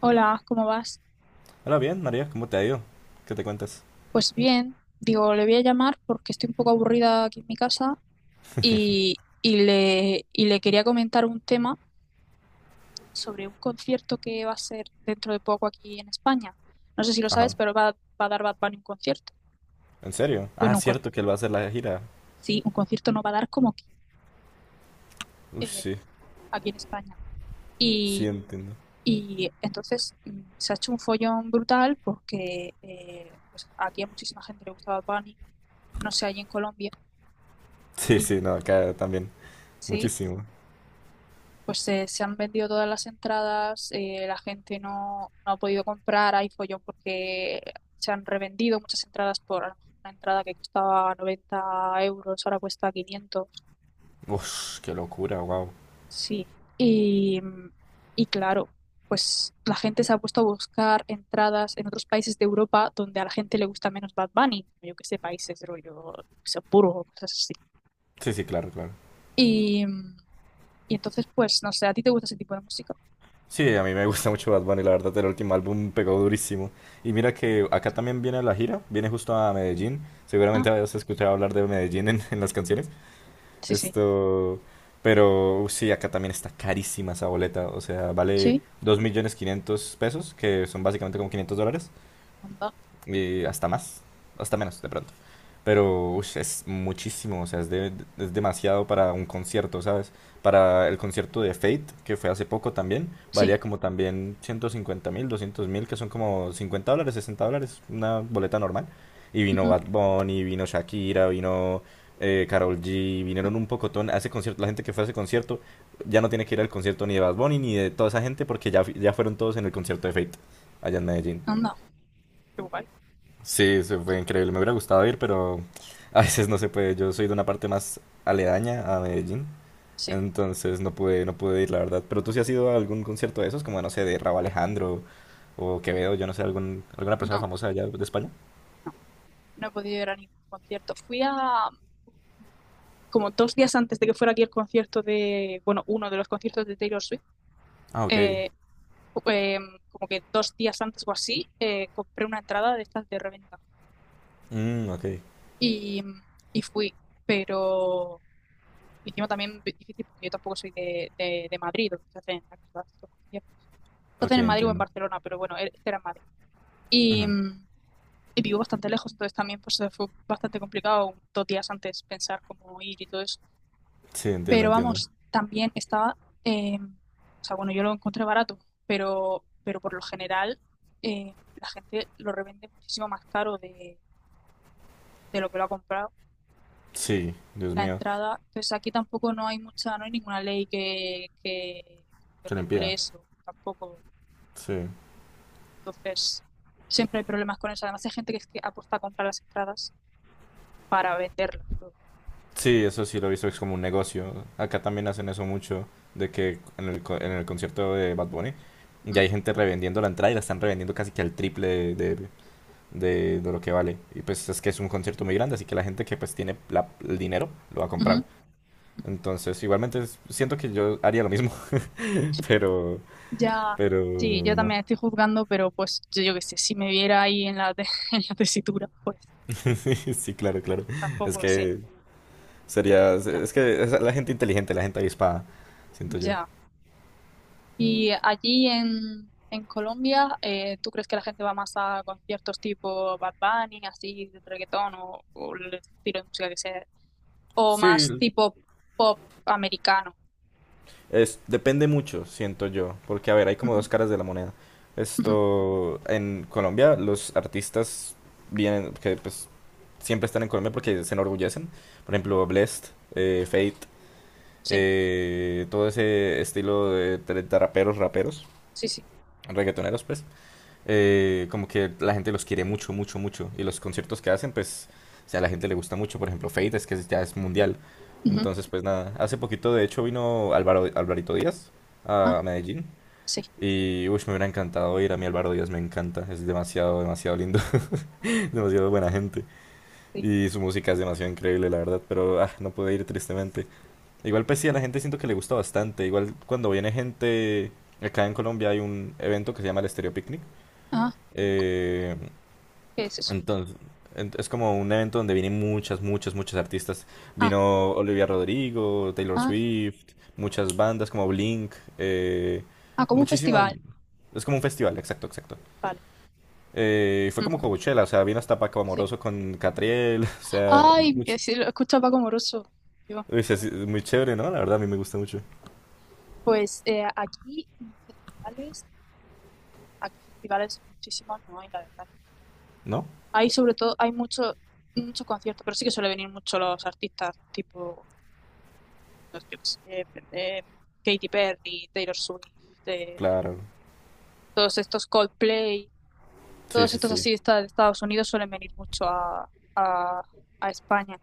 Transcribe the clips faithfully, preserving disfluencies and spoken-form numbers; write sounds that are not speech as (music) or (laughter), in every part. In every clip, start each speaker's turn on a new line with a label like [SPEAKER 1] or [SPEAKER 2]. [SPEAKER 1] Hola, ¿cómo vas?
[SPEAKER 2] Hola, bien, María, ¿cómo te ha ido? ¿Qué te cuentas?
[SPEAKER 1] Pues bien, digo, le voy a llamar porque estoy un poco aburrida aquí en mi casa y, y le, y le quería comentar un tema sobre un concierto que va a ser dentro de poco aquí en España. No sé si lo
[SPEAKER 2] Ajá,
[SPEAKER 1] sabes, pero va, va a dar Bad Bunny un concierto.
[SPEAKER 2] ¿en serio? Ah,
[SPEAKER 1] Bueno, un con-
[SPEAKER 2] cierto que él va a hacer la gira.
[SPEAKER 1] sí, un concierto no va a dar como aquí,
[SPEAKER 2] Uy,
[SPEAKER 1] eh,
[SPEAKER 2] sí,
[SPEAKER 1] aquí en España.
[SPEAKER 2] sí
[SPEAKER 1] Y,
[SPEAKER 2] entiendo.
[SPEAKER 1] y entonces mm, se ha hecho un follón brutal porque eh, pues aquí a muchísima gente le gusta Bad Bunny, no sé, allí en Colombia.
[SPEAKER 2] Sí, sí,
[SPEAKER 1] Y,
[SPEAKER 2] no, acá también.
[SPEAKER 1] sí.
[SPEAKER 2] Muchísimo.
[SPEAKER 1] Pues se, se han vendido todas las entradas, eh, la gente no, no ha podido comprar, hay follón porque se han revendido muchas entradas por, a lo mejor, una entrada que costaba noventa euros, ahora cuesta quinientos.
[SPEAKER 2] Uf, qué locura, wow.
[SPEAKER 1] Sí. Y, mm, y claro, pues la gente se ha puesto a buscar entradas en otros países de Europa donde a la gente le gusta menos Bad Bunny, yo que sé, países rollo Luxemburgo, o cosas así.
[SPEAKER 2] Sí, sí, claro, claro.
[SPEAKER 1] Y, mm, y entonces, pues, no sé, ¿a ti te gusta ese tipo de música?
[SPEAKER 2] Sí, a mí me (laughs) gusta mucho Bad Bunny, la verdad, el último álbum pegó durísimo. Y mira que acá
[SPEAKER 1] Sí.
[SPEAKER 2] también viene la gira, viene justo a Medellín.
[SPEAKER 1] Ah,
[SPEAKER 2] Seguramente habías escuchado hablar de Medellín en, en las canciones.
[SPEAKER 1] sí, sí.
[SPEAKER 2] Esto, pero uh, sí, acá también está carísima esa boleta. O sea, vale
[SPEAKER 1] Sí.
[SPEAKER 2] dos millones quinientos pesos, que son básicamente como quinientos dólares,
[SPEAKER 1] Anda.
[SPEAKER 2] y hasta más, hasta menos de pronto. Pero ush, es muchísimo, o sea, es, de- es demasiado para un concierto, ¿sabes? Para el concierto de Fate, que fue hace poco también,
[SPEAKER 1] Sí.
[SPEAKER 2] valía como también ciento cincuenta mil, doscientos mil, que son como cincuenta dólares, sesenta dólares, una boleta normal. Y vino
[SPEAKER 1] Ujú.
[SPEAKER 2] Bad Bunny, vino Shakira, vino eh, Karol G,
[SPEAKER 1] Ah.
[SPEAKER 2] vinieron un pocotón a ese concierto. La gente que fue a ese concierto ya no tiene que ir al concierto ni de Bad Bunny ni de toda esa gente porque ya, ya fueron todos en el concierto de Fate allá en Medellín.
[SPEAKER 1] Anda. Qué guay.
[SPEAKER 2] Sí, se fue increíble. Me hubiera gustado ir, pero a veces no se puede. Yo soy de una parte más aledaña a Medellín,
[SPEAKER 1] Sí.
[SPEAKER 2] entonces no pude, no pude ir, la verdad. Pero tú sí has ido a algún concierto de esos, como no sé, de Rauw Alejandro o Quevedo, yo no sé, algún, alguna
[SPEAKER 1] No,
[SPEAKER 2] persona
[SPEAKER 1] no,
[SPEAKER 2] famosa allá de España.
[SPEAKER 1] no, no he podido ir a ningún concierto. Fui a, como dos días antes de que fuera aquí el concierto de, bueno, uno de los conciertos de Taylor Swift,
[SPEAKER 2] Ah, ok.
[SPEAKER 1] eh, eh, como que dos días antes o así, eh, compré una entrada de estas de reventa
[SPEAKER 2] Mm, ok.
[SPEAKER 1] y, y fui, pero y encima también es difícil porque yo tampoco soy de, de, de Madrid, donde se hacen aquí las- los conciertos. Se
[SPEAKER 2] Ok,
[SPEAKER 1] hacen en Madrid o en
[SPEAKER 2] entiendo.
[SPEAKER 1] Barcelona, pero bueno, e, este era en Madrid. Y,
[SPEAKER 2] Ujú.
[SPEAKER 1] mm, y vivo bastante lejos, entonces también pues eh, fue bastante complicado dos días antes pensar cómo ir y todo eso.
[SPEAKER 2] Sí, entiendo,
[SPEAKER 1] Pero
[SPEAKER 2] entiendo.
[SPEAKER 1] vamos, también estaba, eh, o sea, bueno, yo lo encontré barato, pero, pero por lo general eh, la gente lo revende muchísimo más caro de, de lo que lo ha comprado
[SPEAKER 2] Sí, Dios
[SPEAKER 1] la
[SPEAKER 2] mío,
[SPEAKER 1] entrada. Entonces aquí tampoco no hay mucha, no hay ninguna ley que, que, que
[SPEAKER 2] que le
[SPEAKER 1] regule
[SPEAKER 2] impida.
[SPEAKER 1] eso, tampoco.
[SPEAKER 2] Sí.
[SPEAKER 1] Entonces siempre hay problemas con eso. Además hay gente que es que apuesta a comprar las entradas para venderlas luego.
[SPEAKER 2] Sí, eso sí lo he visto, es como un negocio. Acá también hacen eso mucho, de que en el, co- en el concierto de Bad Bunny
[SPEAKER 1] Ujú,
[SPEAKER 2] ya hay gente revendiendo la entrada y la están revendiendo casi que al triple de, de- de- de lo que vale. Y pues es que es un concierto muy grande, así que la gente que pues tiene la- el dinero lo va a comprar.
[SPEAKER 1] ujú.
[SPEAKER 2] Entonces, igualmente es- siento que yo haría lo mismo, (laughs) pero,
[SPEAKER 1] Ya,
[SPEAKER 2] pero
[SPEAKER 1] sí, yo
[SPEAKER 2] no.
[SPEAKER 1] también estoy juzgando, pero pues yo, yo qué sé, si me viera ahí en la, te- (laughs) en la tesitura, pues
[SPEAKER 2] (laughs) Sí, claro, claro. Es
[SPEAKER 1] tampoco sé,
[SPEAKER 2] que sería,
[SPEAKER 1] ya,
[SPEAKER 2] es que es la gente inteligente, la gente avispada, siento yo.
[SPEAKER 1] ya. Y allí en, en Colombia, eh, ¿tú crees que la gente va más a conciertos tipo Bad Bunny, así, de reggaetón o, o el estilo de música que sea, o más
[SPEAKER 2] Sí,
[SPEAKER 1] tipo pop americano?
[SPEAKER 2] es depende mucho, siento yo, porque a ver, hay como
[SPEAKER 1] Ujú,
[SPEAKER 2] dos caras de la moneda.
[SPEAKER 1] ujú.
[SPEAKER 2] Esto, en Colombia los artistas vienen, que pues siempre están en Colombia porque se enorgullecen. Por ejemplo, Blessd, eh, Fate,
[SPEAKER 1] Sí,
[SPEAKER 2] eh, todo ese estilo de, de raperos, raperos,
[SPEAKER 1] sí, sí.
[SPEAKER 2] reggaetoneros, pues eh, como que la gente los quiere mucho, mucho, mucho. Y los conciertos que hacen, pues, o sea, a la gente le gusta mucho. Por ejemplo, Fate es que es- ya es mundial.
[SPEAKER 1] Ujú.
[SPEAKER 2] Entonces, pues nada. Hace poquito, de hecho, vino Álvaro, Alvarito Díaz
[SPEAKER 1] Ah,
[SPEAKER 2] a Medellín.
[SPEAKER 1] sí,
[SPEAKER 2] Y, uy, me hubiera encantado ir a mí, Álvaro Díaz me encanta. Es demasiado, demasiado lindo. (laughs) demasiado buena gente.
[SPEAKER 1] sí.
[SPEAKER 2] Y su música es demasiado increíble, la verdad. Pero, ah, no pude ir tristemente. Igual, pues sí, a la gente siento que le gusta bastante. Igual, cuando viene gente... Acá en Colombia hay un evento que se llama el Stereo Picnic.
[SPEAKER 1] Ah,
[SPEAKER 2] Eh,
[SPEAKER 1] ¿qué es eso?
[SPEAKER 2] Entonces, ent- es como un evento donde vienen muchas, muchas, muchas artistas.
[SPEAKER 1] Ah,
[SPEAKER 2] Vino Olivia Rodrigo, Taylor
[SPEAKER 1] ah,
[SPEAKER 2] Swift, muchas bandas como Blink, eh,
[SPEAKER 1] ah, como un
[SPEAKER 2] muchísimo.
[SPEAKER 1] festival.
[SPEAKER 2] Es como un festival, exacto, exacto.
[SPEAKER 1] Vale.
[SPEAKER 2] Eh, fue como
[SPEAKER 1] Ujú.
[SPEAKER 2] Coachella, o sea, vino hasta Paco
[SPEAKER 1] Sí.
[SPEAKER 2] Amoroso con Catriel, (laughs) o sea,
[SPEAKER 1] Ay, eh,
[SPEAKER 2] much-
[SPEAKER 1] sí, lo escucho a Paco Moroso. Digo,
[SPEAKER 2] uy, sí, sí, muy chévere, ¿no? La verdad, a mí me gusta mucho.
[SPEAKER 1] pues eh, aquí festivales, aquí festivales muchísimos no hay, la verdad.
[SPEAKER 2] ¿No?
[SPEAKER 1] Hay sobre todo, hay muchos muchos conciertos, pero sí que suele venir mucho los artistas tipo, no sé, yo qué sé, eh, eh, Katy Perry, Taylor Swift, eh,
[SPEAKER 2] Claro.
[SPEAKER 1] todos estos Coldplay,
[SPEAKER 2] Sí,
[SPEAKER 1] todos
[SPEAKER 2] sí,
[SPEAKER 1] estos
[SPEAKER 2] sí.
[SPEAKER 1] así esta- de Estados Unidos suelen venir mucho a, a, a España.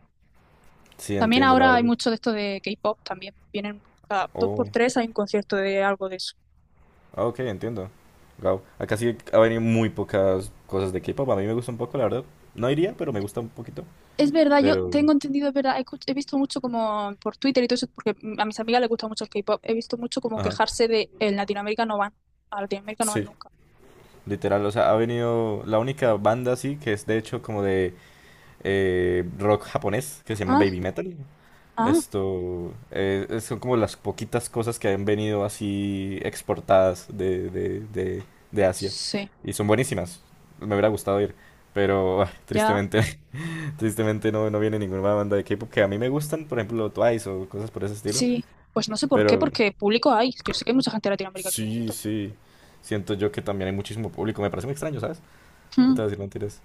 [SPEAKER 2] Sí,
[SPEAKER 1] También
[SPEAKER 2] entiendo, la
[SPEAKER 1] ahora hay
[SPEAKER 2] verdad.
[SPEAKER 1] mucho de esto de K-pop también. Vienen cada dos por
[SPEAKER 2] Oh.
[SPEAKER 1] tres, hay un concierto de algo de...
[SPEAKER 2] Ah, ok, entiendo. Wow. Acá sí ha venido muy pocas cosas de K-pop. A mí me gusta un poco, la verdad. No iría, pero me gusta un poquito.
[SPEAKER 1] Es verdad, yo
[SPEAKER 2] Pero,
[SPEAKER 1] tengo entendido, es verdad, he, escuch- he visto mucho como por Twitter y todo eso, porque mm, a mis amigas les gusta mucho el K-pop, he visto mucho como
[SPEAKER 2] ajá.
[SPEAKER 1] quejarse de en Latinoamérica no van, a Latinoamérica no van
[SPEAKER 2] Sí,
[SPEAKER 1] nunca.
[SPEAKER 2] literal. O sea, ha venido la única banda así que es de hecho como de eh, rock japonés que se llama
[SPEAKER 1] Ah,
[SPEAKER 2] Baby Metal.
[SPEAKER 1] ah,
[SPEAKER 2] Esto eh, es- son como las poquitas cosas que han venido así exportadas de, de, de, de Asia.
[SPEAKER 1] sí,
[SPEAKER 2] Y son buenísimas. Me hubiera gustado ir. Pero ah,
[SPEAKER 1] ya,
[SPEAKER 2] tristemente (laughs) tristemente no, no viene ninguna banda de K-pop que a mí me gustan, por ejemplo Twice o cosas por ese estilo,
[SPEAKER 1] sí. Pues no sé por qué,
[SPEAKER 2] pero
[SPEAKER 1] porque público hay. Yo sé que hay mucha gente de Latinoamérica que le
[SPEAKER 2] sí,
[SPEAKER 1] gusta.
[SPEAKER 2] sí, siento yo que también hay muchísimo público, me parece muy extraño, ¿sabes? No te voy
[SPEAKER 1] Mm,
[SPEAKER 2] a decir mentiras,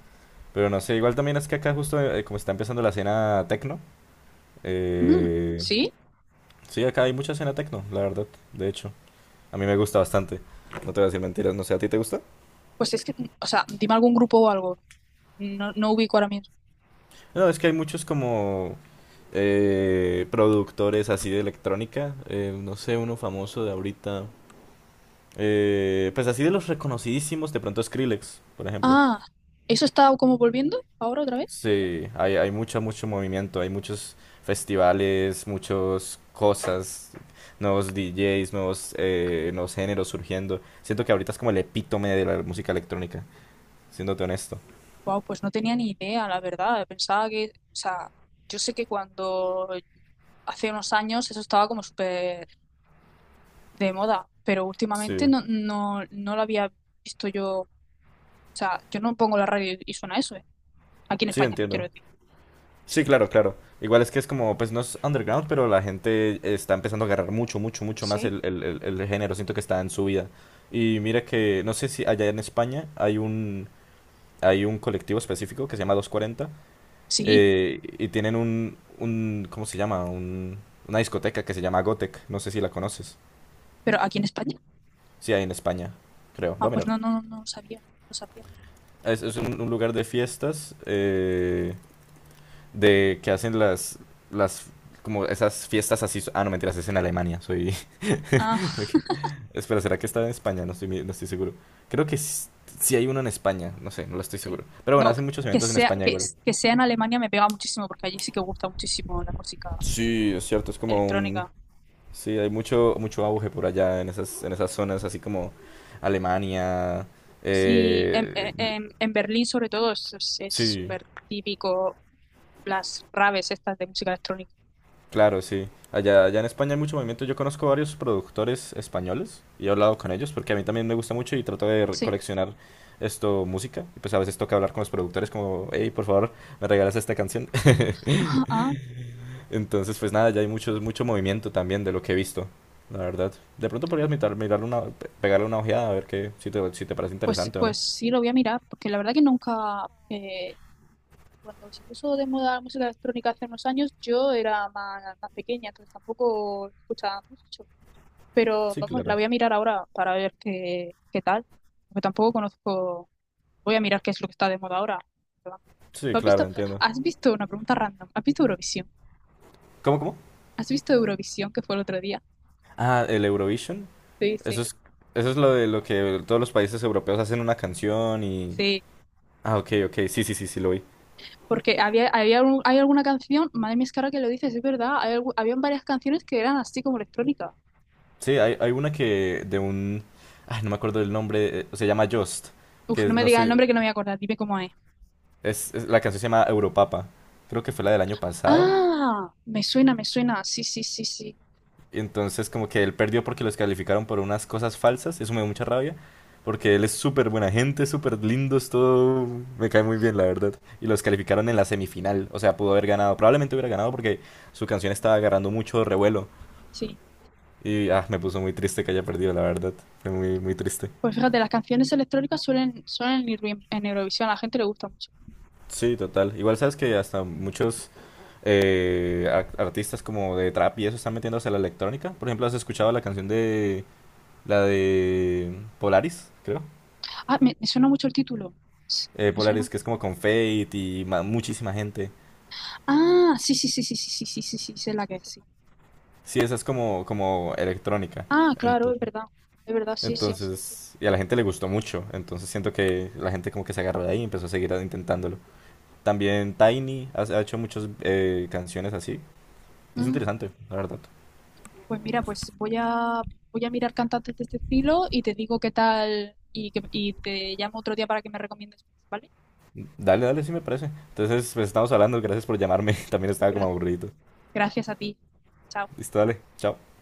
[SPEAKER 2] pero no sé, igual también es que acá justo eh, como está empezando la escena techno,
[SPEAKER 1] mm,
[SPEAKER 2] eh,
[SPEAKER 1] sí,
[SPEAKER 2] sí, acá hay mucha escena techno, la verdad, de hecho, a mí me gusta bastante, no te voy a decir mentiras, no sé, ¿a ti te gusta?
[SPEAKER 1] pues es que, mm, o sea, dime algún grupo o algo. No, no ubico ahora mismo.
[SPEAKER 2] No, es que hay muchos como eh, productores así de electrónica, eh, no sé, uno famoso de ahorita. Eh, pues así de los reconocidísimos, de pronto Skrillex, por ejemplo.
[SPEAKER 1] Ah, ¿eso está como volviendo ahora otra vez?
[SPEAKER 2] Sí, hay, hay mucho, mucho movimiento, hay muchos festivales, muchas cosas, nuevos D Js, nuevos, eh, nuevos géneros surgiendo. Siento que ahorita es como el epítome de la música electrónica, siéndote honesto.
[SPEAKER 1] Wow, pues no tenía ni idea, la verdad. Pensaba que, o sea, yo sé que cuando hace unos años eso estaba como súper de moda, pero últimamente
[SPEAKER 2] Sí,
[SPEAKER 1] no, no, no lo había visto yo. O sea, yo no pongo la radio y suena eso, ¿eh? Aquí en
[SPEAKER 2] sí,
[SPEAKER 1] España, quiero
[SPEAKER 2] entiendo.
[SPEAKER 1] decir.
[SPEAKER 2] Sí, claro, claro. Igual es que es como, pues no es underground, pero la gente está empezando a agarrar mucho, mucho, mucho más
[SPEAKER 1] Sí,
[SPEAKER 2] el, el, el, el género. Siento que está en su vida. Y mira que, no sé si allá en España hay un, hay un colectivo específico que se llama dos cuarenta
[SPEAKER 1] sí,
[SPEAKER 2] eh, y tienen un, un ¿cómo se llama? Un, una discoteca que se llama Gotec, no sé si la conoces,
[SPEAKER 1] pero aquí en España.
[SPEAKER 2] sí hay en España, creo, va
[SPEAKER 1] Ah,
[SPEAKER 2] a
[SPEAKER 1] pues
[SPEAKER 2] mirar.
[SPEAKER 1] no, no, no, no lo sabía, no sabía.
[SPEAKER 2] Es, es un, un lugar de fiestas eh, de que hacen las, las como esas fiestas así. Ah, no, mentiras, es en Alemania. Soy. (laughs)
[SPEAKER 1] Ah,
[SPEAKER 2] Ok. Espera, ¿será que está en España? No estoy, mi- no estoy seguro. Creo que s- sí hay uno en España. No sé, no lo estoy
[SPEAKER 1] sí.
[SPEAKER 2] seguro. Pero bueno,
[SPEAKER 1] No,
[SPEAKER 2] hacen muchos
[SPEAKER 1] que
[SPEAKER 2] eventos en
[SPEAKER 1] sea,
[SPEAKER 2] España
[SPEAKER 1] que,
[SPEAKER 2] igual.
[SPEAKER 1] que sea en Alemania me pega muchísimo porque allí sí que gusta muchísimo la música
[SPEAKER 2] Sí, es cierto, es como un.
[SPEAKER 1] electrónica.
[SPEAKER 2] Sí, hay mucho, mucho auge por allá en esas, en esas zonas, así como Alemania.
[SPEAKER 1] Sí, en,
[SPEAKER 2] eh,
[SPEAKER 1] en- en- en Berlín sobre todo es es- es
[SPEAKER 2] sí,
[SPEAKER 1] súper típico las raves estas de música electrónica.
[SPEAKER 2] claro, sí. Allá, allá en España hay mucho movimiento. Yo conozco varios productores españoles y he hablado con ellos porque a mí también me gusta mucho y trato de re-
[SPEAKER 1] Sí.
[SPEAKER 2] coleccionar esto, música. Y pues a veces toca hablar con los productores como, hey, por favor, me regalas esta canción.
[SPEAKER 1] Ajá. Ah,
[SPEAKER 2] (laughs) Entonces, pues nada, ya hay mucho, mucho movimiento también de lo que he visto, la verdad. De pronto podrías mirar, mirarle una, pe- pegarle una ojeada a ver qué, si te, si te parece
[SPEAKER 1] pues,
[SPEAKER 2] interesante o no.
[SPEAKER 1] pues sí, lo voy a mirar, porque la verdad que nunca, eh, cuando se puso de moda la música electrónica hace unos años, yo era más, más pequeña, entonces tampoco escuchaba mucho. Pero
[SPEAKER 2] Sí,
[SPEAKER 1] vamos, la
[SPEAKER 2] claro.
[SPEAKER 1] voy a mirar ahora para ver qué, qué tal, porque tampoco conozco, voy a mirar qué es lo que está de moda ahora.
[SPEAKER 2] Sí,
[SPEAKER 1] ¿Tú has visto,
[SPEAKER 2] claro, entiendo.
[SPEAKER 1] has visto una pregunta random? ¿Has visto Eurovisión?
[SPEAKER 2] ¿Cómo, cómo?
[SPEAKER 1] ¿Has visto Eurovisión que fue el otro día?
[SPEAKER 2] Ah, el Eurovision.
[SPEAKER 1] Sí,
[SPEAKER 2] Eso
[SPEAKER 1] sí.
[SPEAKER 2] es, eso es lo de lo que todos los países europeos hacen una canción y...
[SPEAKER 1] Sí,
[SPEAKER 2] Ah, ok, ok, sí, sí, sí, sí, lo vi.
[SPEAKER 1] porque había, había un- hay alguna canción, madre mía, es que ahora que lo dices, es verdad, hay algu- habían varias canciones que eran así como electrónicas.
[SPEAKER 2] Sí, hay, hay una que de un... Ah, no me acuerdo del nombre, eh, se llama Just,
[SPEAKER 1] Uf,
[SPEAKER 2] que
[SPEAKER 1] no
[SPEAKER 2] es,
[SPEAKER 1] me
[SPEAKER 2] no
[SPEAKER 1] digas el
[SPEAKER 2] sé,
[SPEAKER 1] nombre que no me voy a acordar, dime cómo es.
[SPEAKER 2] es, es- la canción se llama Europapa. Creo que fue la del año pasado.
[SPEAKER 1] Ah, me suena, me suena, sí, sí, sí, sí,
[SPEAKER 2] Entonces, como que él perdió porque los calificaron por unas cosas falsas. Eso me dio mucha rabia. Porque él es súper buena gente, súper lindo, es todo. Me cae muy bien, la verdad. Y los calificaron en la semifinal. O sea, pudo haber ganado. Probablemente hubiera ganado porque su canción estaba agarrando mucho revuelo.
[SPEAKER 1] sí.
[SPEAKER 2] Y ah, me puso muy triste que haya perdido, la verdad. Fue muy, muy triste.
[SPEAKER 1] Pues fíjate, las canciones electrónicas suelen, suelen ir bien en Eurovisión, a la gente le gusta mucho.
[SPEAKER 2] Sí, total. Igual sabes que hasta muchos eh, ar- artistas como de trap y eso están metiéndose a la electrónica. Por ejemplo, ¿has escuchado la canción de la de Polaris, creo?
[SPEAKER 1] Ah, me, me suena mucho el título. Sí,
[SPEAKER 2] eh,
[SPEAKER 1] me suena.
[SPEAKER 2] Polaris que es como con Fate y ma- muchísima gente.
[SPEAKER 1] Ah, sí, sí, sí, sí, sí, sí, sí, sí, sí, sé la que es, sí.
[SPEAKER 2] Sí, esa es como, como electrónica.
[SPEAKER 1] Ah, claro,
[SPEAKER 2] Ento-
[SPEAKER 1] es verdad, es verdad, sí, sí, sí.
[SPEAKER 2] Entonces, y a la gente le gustó mucho. Entonces siento que la gente como que se agarró de ahí y empezó a seguir intentándolo. También Tiny ha, ha hecho muchas eh, canciones así. Es
[SPEAKER 1] Ah.
[SPEAKER 2] interesante, la verdad.
[SPEAKER 1] Pues mira, pues voy a voy a mirar cantantes de este estilo y te digo qué tal y, que- y te llamo otro día para que me recomiendes, ¿vale?
[SPEAKER 2] Dale, dale, sí me parece. Entonces, pues estamos hablando. Gracias por llamarme. (laughs) También estaba como
[SPEAKER 1] Gra-
[SPEAKER 2] aburrido.
[SPEAKER 1] Gracias a ti. Chao.
[SPEAKER 2] Listo, dale. Chao.